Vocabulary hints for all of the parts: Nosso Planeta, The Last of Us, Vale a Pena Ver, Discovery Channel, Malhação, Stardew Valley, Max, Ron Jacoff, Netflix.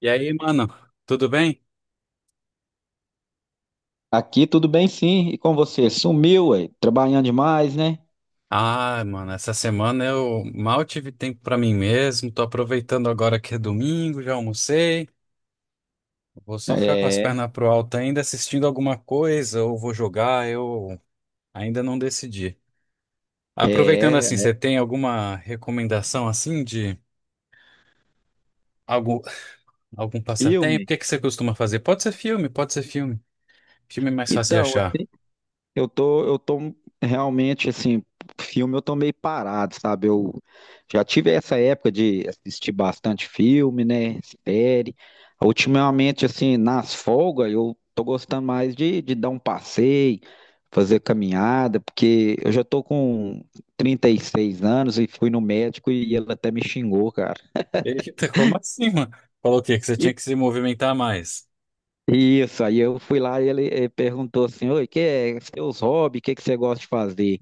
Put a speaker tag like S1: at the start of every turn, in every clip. S1: E aí, mano, tudo bem?
S2: Aqui tudo bem, sim. E com você? Sumiu, ué. Trabalhando demais, né?
S1: Ah, mano, essa semana eu mal tive tempo pra mim mesmo. Tô aproveitando agora que é domingo, já almocei. Vou só ficar com as
S2: É,
S1: pernas pro alto ainda assistindo alguma coisa ou vou jogar, eu ainda não decidi. Aproveitando assim,
S2: é,
S1: você tem alguma recomendação assim de algum, algum passatempo? O
S2: filme.
S1: que é que você costuma fazer? Pode ser filme, pode ser filme. Filme é mais fácil de
S2: Então,
S1: achar.
S2: assim, eu tô realmente assim, filme eu tô meio parado, sabe? Eu já tive essa época de assistir bastante filme, né? Série. Ultimamente, assim, nas folgas, eu tô gostando mais de dar um passeio, fazer caminhada, porque eu já tô com 36 anos e fui no médico e ele até me xingou, cara.
S1: Eita, como assim, mano? Falou o quê? Que você tinha que se movimentar mais.
S2: Isso, aí eu fui lá e ele perguntou assim, oi, que é seus hobbies, o que que você gosta de fazer?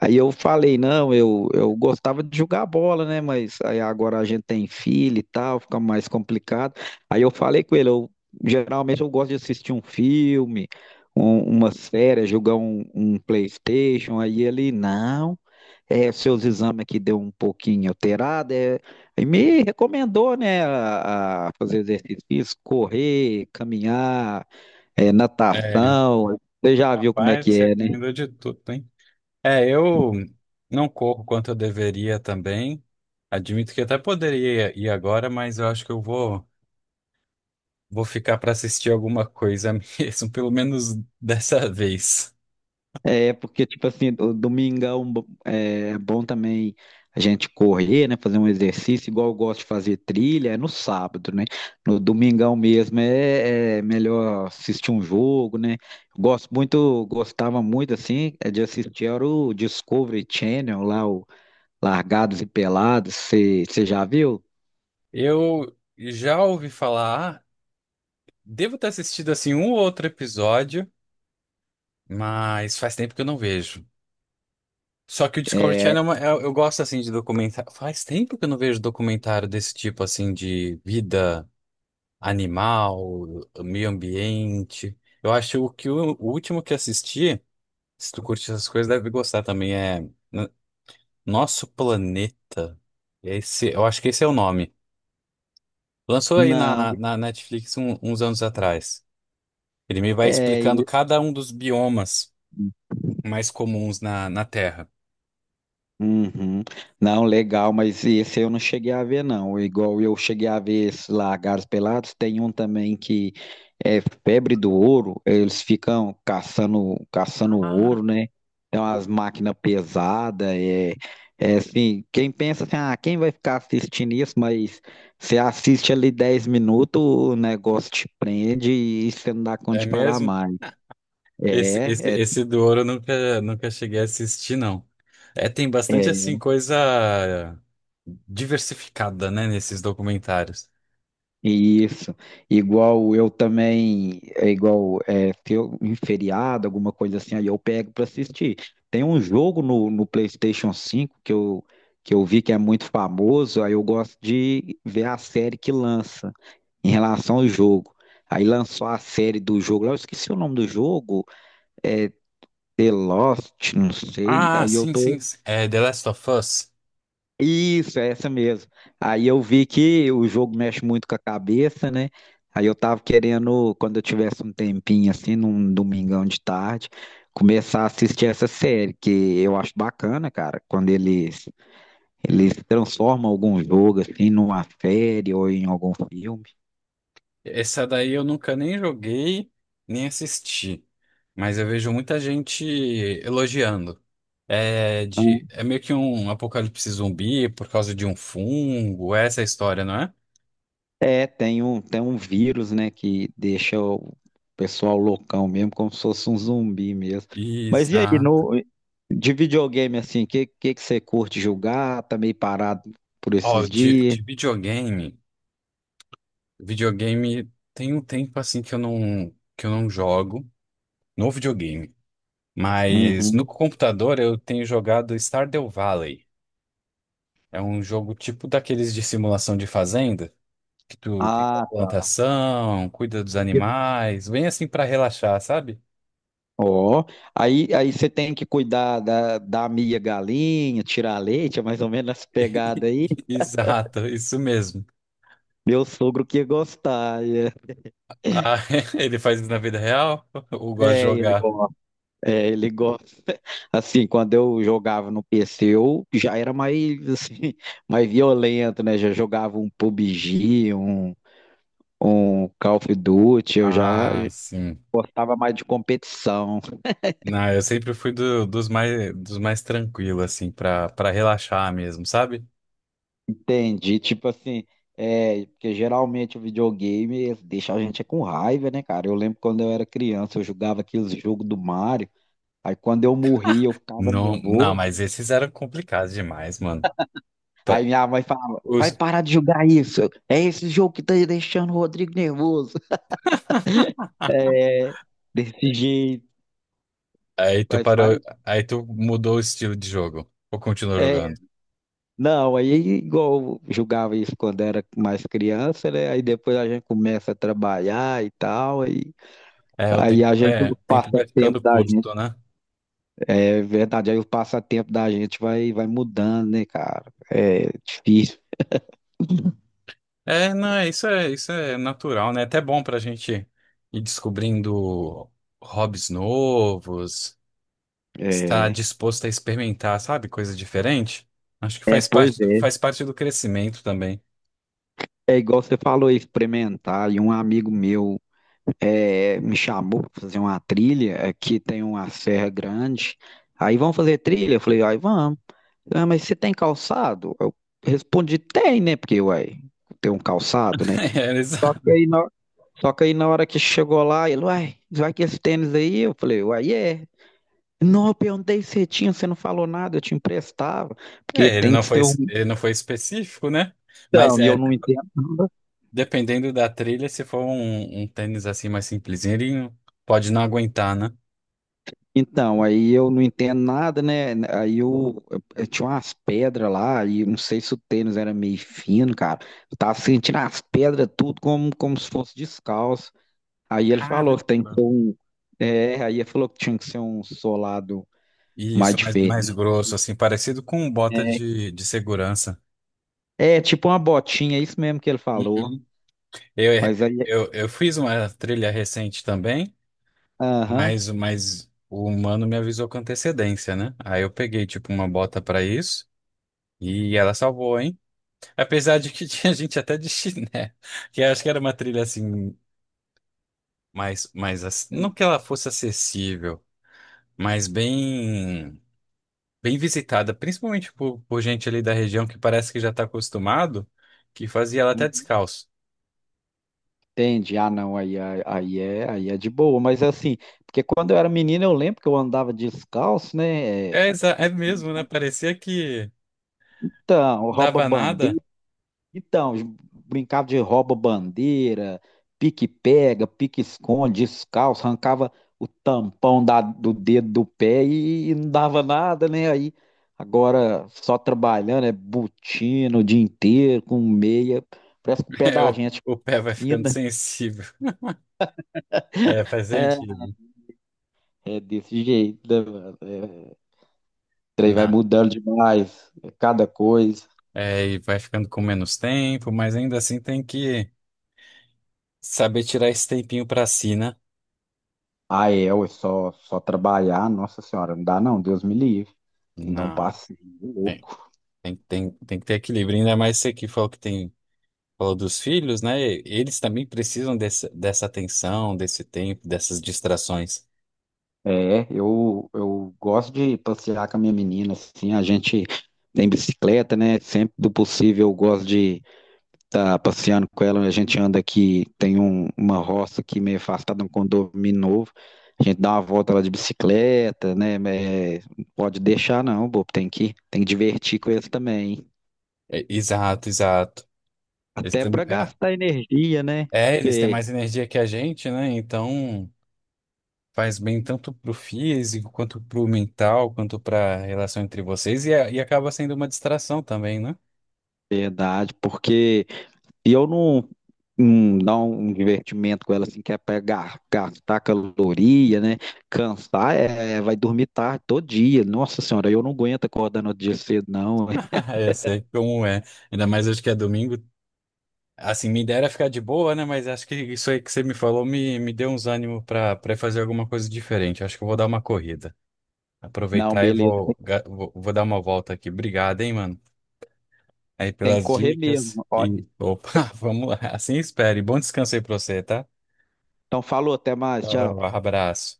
S2: Aí eu falei, não, eu gostava de jogar bola, né? Mas aí agora a gente tem filho e tal, fica mais complicado. Aí eu falei com ele, eu geralmente eu gosto de assistir um filme, uma série, jogar um PlayStation. Aí ele, não, é, seus exames aqui deu um pouquinho alterado. É, e me recomendou, né, a fazer exercício físico, correr, caminhar, é,
S1: É.
S2: natação. Você já viu como é
S1: Rapaz,
S2: que
S1: você
S2: é, né?
S1: combinou de tudo, hein? É, eu não corro quanto eu deveria também. Admito que até poderia ir agora, mas eu acho que eu vou ficar para assistir alguma coisa mesmo, pelo menos dessa vez.
S2: É, porque, tipo assim, o domingão é bom também a gente correr, né? Fazer um exercício, igual eu gosto de fazer trilha, é no sábado, né? No domingão mesmo é melhor assistir um jogo, né? Gosto muito, gostava muito, assim, é de assistir era o Discovery Channel, lá o Largados e Pelados, você já viu?
S1: Eu já ouvi falar, devo ter assistido assim um ou outro episódio, mas faz tempo que eu não vejo. Só que o Discovery
S2: É,
S1: Channel, eu gosto assim de documentário. Faz tempo que eu não vejo documentário desse tipo assim de vida animal, meio ambiente. Eu acho o último que assisti, se tu curte essas coisas, deve gostar também, é N- Nosso Planeta. Esse, eu acho que esse é o nome. Lançou aí
S2: não,
S1: na Netflix uns anos atrás. Ele me vai explicando
S2: é.
S1: cada um dos biomas mais comuns na Terra.
S2: Uhum. Não, legal, mas esse eu não cheguei a ver, não. Igual eu cheguei a ver esse Lagartos Pelados, tem um também que é febre do ouro, eles ficam caçando, caçando ouro, né? Tem umas máquinas pesadas, é assim, quem pensa assim, ah, quem vai ficar assistindo isso? Mas você assiste ali 10 minutos, o negócio te prende e você não dá conta
S1: É
S2: de parar
S1: mesmo?
S2: mais.
S1: Esse, esse,
S2: É, é,
S1: esse do ouro eu nunca cheguei a assistir, não. É, tem bastante
S2: é.
S1: assim coisa diversificada, né, nesses documentários.
S2: Isso, igual eu também, é igual é, ter um feriado, alguma coisa assim, aí eu pego para assistir. Tem um jogo no PlayStation 5 que eu vi que é muito famoso, aí eu gosto de ver a série que lança em relação ao jogo. Aí lançou a série do jogo, lá eu esqueci o nome do jogo, é The Lost, não sei,
S1: Ah,
S2: aí eu
S1: sim, sim,
S2: tô,
S1: sim. É The Last of Us.
S2: Isso, é essa mesmo. Aí eu vi que o jogo mexe muito com a cabeça, né? Aí eu tava querendo, quando eu tivesse um tempinho assim, num domingão de tarde, começar a assistir essa série, que eu acho bacana, cara, quando eles transformam algum jogo assim numa série ou em algum filme.
S1: Essa daí eu nunca nem joguei, nem assisti. Mas eu vejo muita gente elogiando. É, de, é meio que um apocalipse zumbi por causa de um fungo, essa é a história, não é?
S2: É, tem um vírus, né, que deixa o pessoal loucão mesmo, como se fosse um zumbi mesmo. Mas e aí,
S1: Exato.
S2: no, de videogame assim, o que que você curte jogar? Tá meio parado por
S1: Ó,
S2: esses
S1: de,
S2: dias?
S1: de videogame. Videogame tem um tempo assim que eu não jogo no videogame. Mas no
S2: Uhum.
S1: computador eu tenho jogado Stardew Valley. É um jogo tipo daqueles de simulação de fazenda, que tu tem uma
S2: Ah, tá.
S1: plantação, cuida dos animais, bem assim pra relaxar, sabe?
S2: Ó, aí você tem que cuidar da minha galinha, tirar leite, é mais ou menos essa pegada aí.
S1: Exato, isso mesmo.
S2: Meu sogro que ia gostar. É.
S1: Ah, ele faz isso na vida real ou gosta de
S2: Ele
S1: jogar?
S2: gosta. É, ele gosta. Assim, quando eu jogava no PC, eu já era mais, assim, mais violento, né? Já jogava um PUBG, um Call of Duty, eu já
S1: Ah, sim.
S2: gostava mais de competição.
S1: Não, eu sempre fui dos mais tranquilos, assim, pra relaxar mesmo, sabe?
S2: Entendi. Tipo assim, é, porque geralmente o videogame deixa a gente com raiva, né, cara? Eu lembro quando eu era criança, eu jogava aqueles jogos do Mario, aí quando eu morria, eu ficava
S1: Não, não,
S2: nervoso.
S1: mas esses eram complicados demais, mano.
S2: Aí
S1: Pa-
S2: minha mãe falava, vai
S1: os-
S2: parar de jogar isso. É esse jogo que tá deixando o Rodrigo nervoso. É, desse jeito.
S1: Aí tu
S2: Mas
S1: parou,
S2: faz.
S1: aí tu mudou o estilo de jogo, ou continuou
S2: É,
S1: jogando?
S2: não, aí é igual eu jogava isso quando era mais criança, né? Aí depois a gente começa a trabalhar e tal, aí, aí a gente,
S1: É, o
S2: o
S1: tempo vai ficando
S2: passatempo da gente,
S1: curto, né?
S2: é verdade, aí o passatempo da gente vai mudando, né, cara? É difícil.
S1: É, não, é- isso isso é natural, né? É até bom pra gente ir descobrindo hobbies novos, estar
S2: É,
S1: disposto a experimentar, sabe? Coisa diferente. Acho que
S2: é,
S1: faz
S2: pois é.
S1: faz parte do crescimento também.
S2: É igual você falou, experimentar. E um amigo meu, me chamou para fazer uma trilha. Aqui tem uma serra grande. Aí vamos fazer trilha? Eu falei, ai, vamos. Ah, mas você tem calçado? Eu respondi, tem, né? Porque, uai, tem um calçado, né?
S1: É, exa-
S2: E aí, só que aí na hora que chegou lá, ele, uai, vai que esse tênis aí? Eu falei, uai, é. Não, eu perguntei se você tinha, você não falou nada, eu te emprestava. Porque
S1: É,
S2: tem que ser um.
S1: ele não foi específico, né? Mas
S2: Então, e eu
S1: é,
S2: não entendo.
S1: dependendo da trilha, se for um tênis assim mais simplesinho, ele pode não aguentar, né?
S2: Então, aí eu não entendo nada, né? Aí eu tinha umas pedras lá, e eu não sei se o tênis era meio fino, cara. Eu tava sentindo as pedras tudo como se fosse descalço. Aí ele
S1: Caramba!
S2: falou que tem que ser um. É, aí ele falou que tinha que ser um solado mais
S1: Isso, mais, mais
S2: diferente.
S1: grosso, assim, parecido com um bota de segurança.
S2: É, tipo uma botinha, é isso mesmo que ele falou.
S1: Uhum. Eu,
S2: Mas aí.
S1: eu fiz uma trilha recente também,
S2: Aham.
S1: mas o humano me avisou com antecedência, né? Aí eu peguei, tipo, uma bota pra isso e ela salvou, hein? Apesar de que tinha gente até de chiné, que eu acho que era uma trilha, assim, não que ela fosse acessível, mas bem, bem visitada, principalmente por gente ali da região que parece que já está acostumado, que fazia ela até
S2: Uhum.
S1: descalço.
S2: Entendi. Ah, não, aí é, aí é de boa. Mas assim, porque quando eu era menino, eu lembro que eu andava descalço, né?
S1: É mesmo, né? Parecia que
S2: Então,
S1: dava nada.
S2: rouba-bandeira. Então, brincava de rouba-bandeira, pique-pega, pique-esconde, descalço, arrancava o tampão do dedo do pé e não dava nada, né? Aí, agora só trabalhando, é botina o dia inteiro, com meia. Parece que o pé
S1: É,
S2: da gente
S1: o pé vai ficando
S2: fina.
S1: sensível. É, faz
S2: É,
S1: sentido.
S2: é desse jeito, né, mano? É, o trem vai
S1: Não.
S2: mudando demais, é cada coisa.
S1: É, e vai ficando com menos tempo, mas ainda assim tem que saber tirar esse tempinho para si, né?
S2: Ah, é, ué, só trabalhar, nossa senhora, não dá não, Deus me livre. Tem que dar um
S1: Não,
S2: passeio
S1: tem,
S2: louco.
S1: tem que ter equilíbrio, ainda mais você que falou dos filhos, né? Eles também precisam desse, dessa atenção, desse tempo, dessas distrações.
S2: É, eu gosto de passear com a minha menina, assim, a gente tem bicicleta, né? Sempre do possível eu gosto de estar passeando com ela. A gente anda aqui, tem uma roça aqui meio afastada, um condomínio novo. A gente dá uma volta lá de bicicleta, né? É, não pode deixar não, bobo, tem que divertir com eles também, hein?
S1: É, exato, exato. Eles
S2: Até
S1: têm,
S2: para gastar energia, né?
S1: eles têm
S2: Porque
S1: mais energia que a gente, né? Então faz bem tanto pro físico, quanto pro mental, quanto pra relação entre vocês, e acaba sendo uma distração também, né?
S2: verdade, porque e eu não dar um divertimento com ela assim, que é pra gastar caloria, né? Cansar, é, vai dormir tarde todo dia. Nossa senhora, eu não aguento acordar no outro dia cedo, não.
S1: Eu sei como é. Ainda mais hoje que é domingo. Assim, minha ideia era ficar de boa, né? Mas acho que isso aí que você me falou me deu uns ânimos pra para fazer alguma coisa diferente. Acho que eu vou dar uma corrida.
S2: Não,
S1: Aproveitar e
S2: beleza, tem
S1: vou dar uma volta aqui. Obrigado, hein, mano, aí
S2: tem que
S1: pelas
S2: correr
S1: dicas.
S2: mesmo. Ó,
S1: E, opa, vamos lá. Assim espere. Bom descanso aí pra você, tá?
S2: então falou, até mais, tchau.
S1: Tchau, abraço.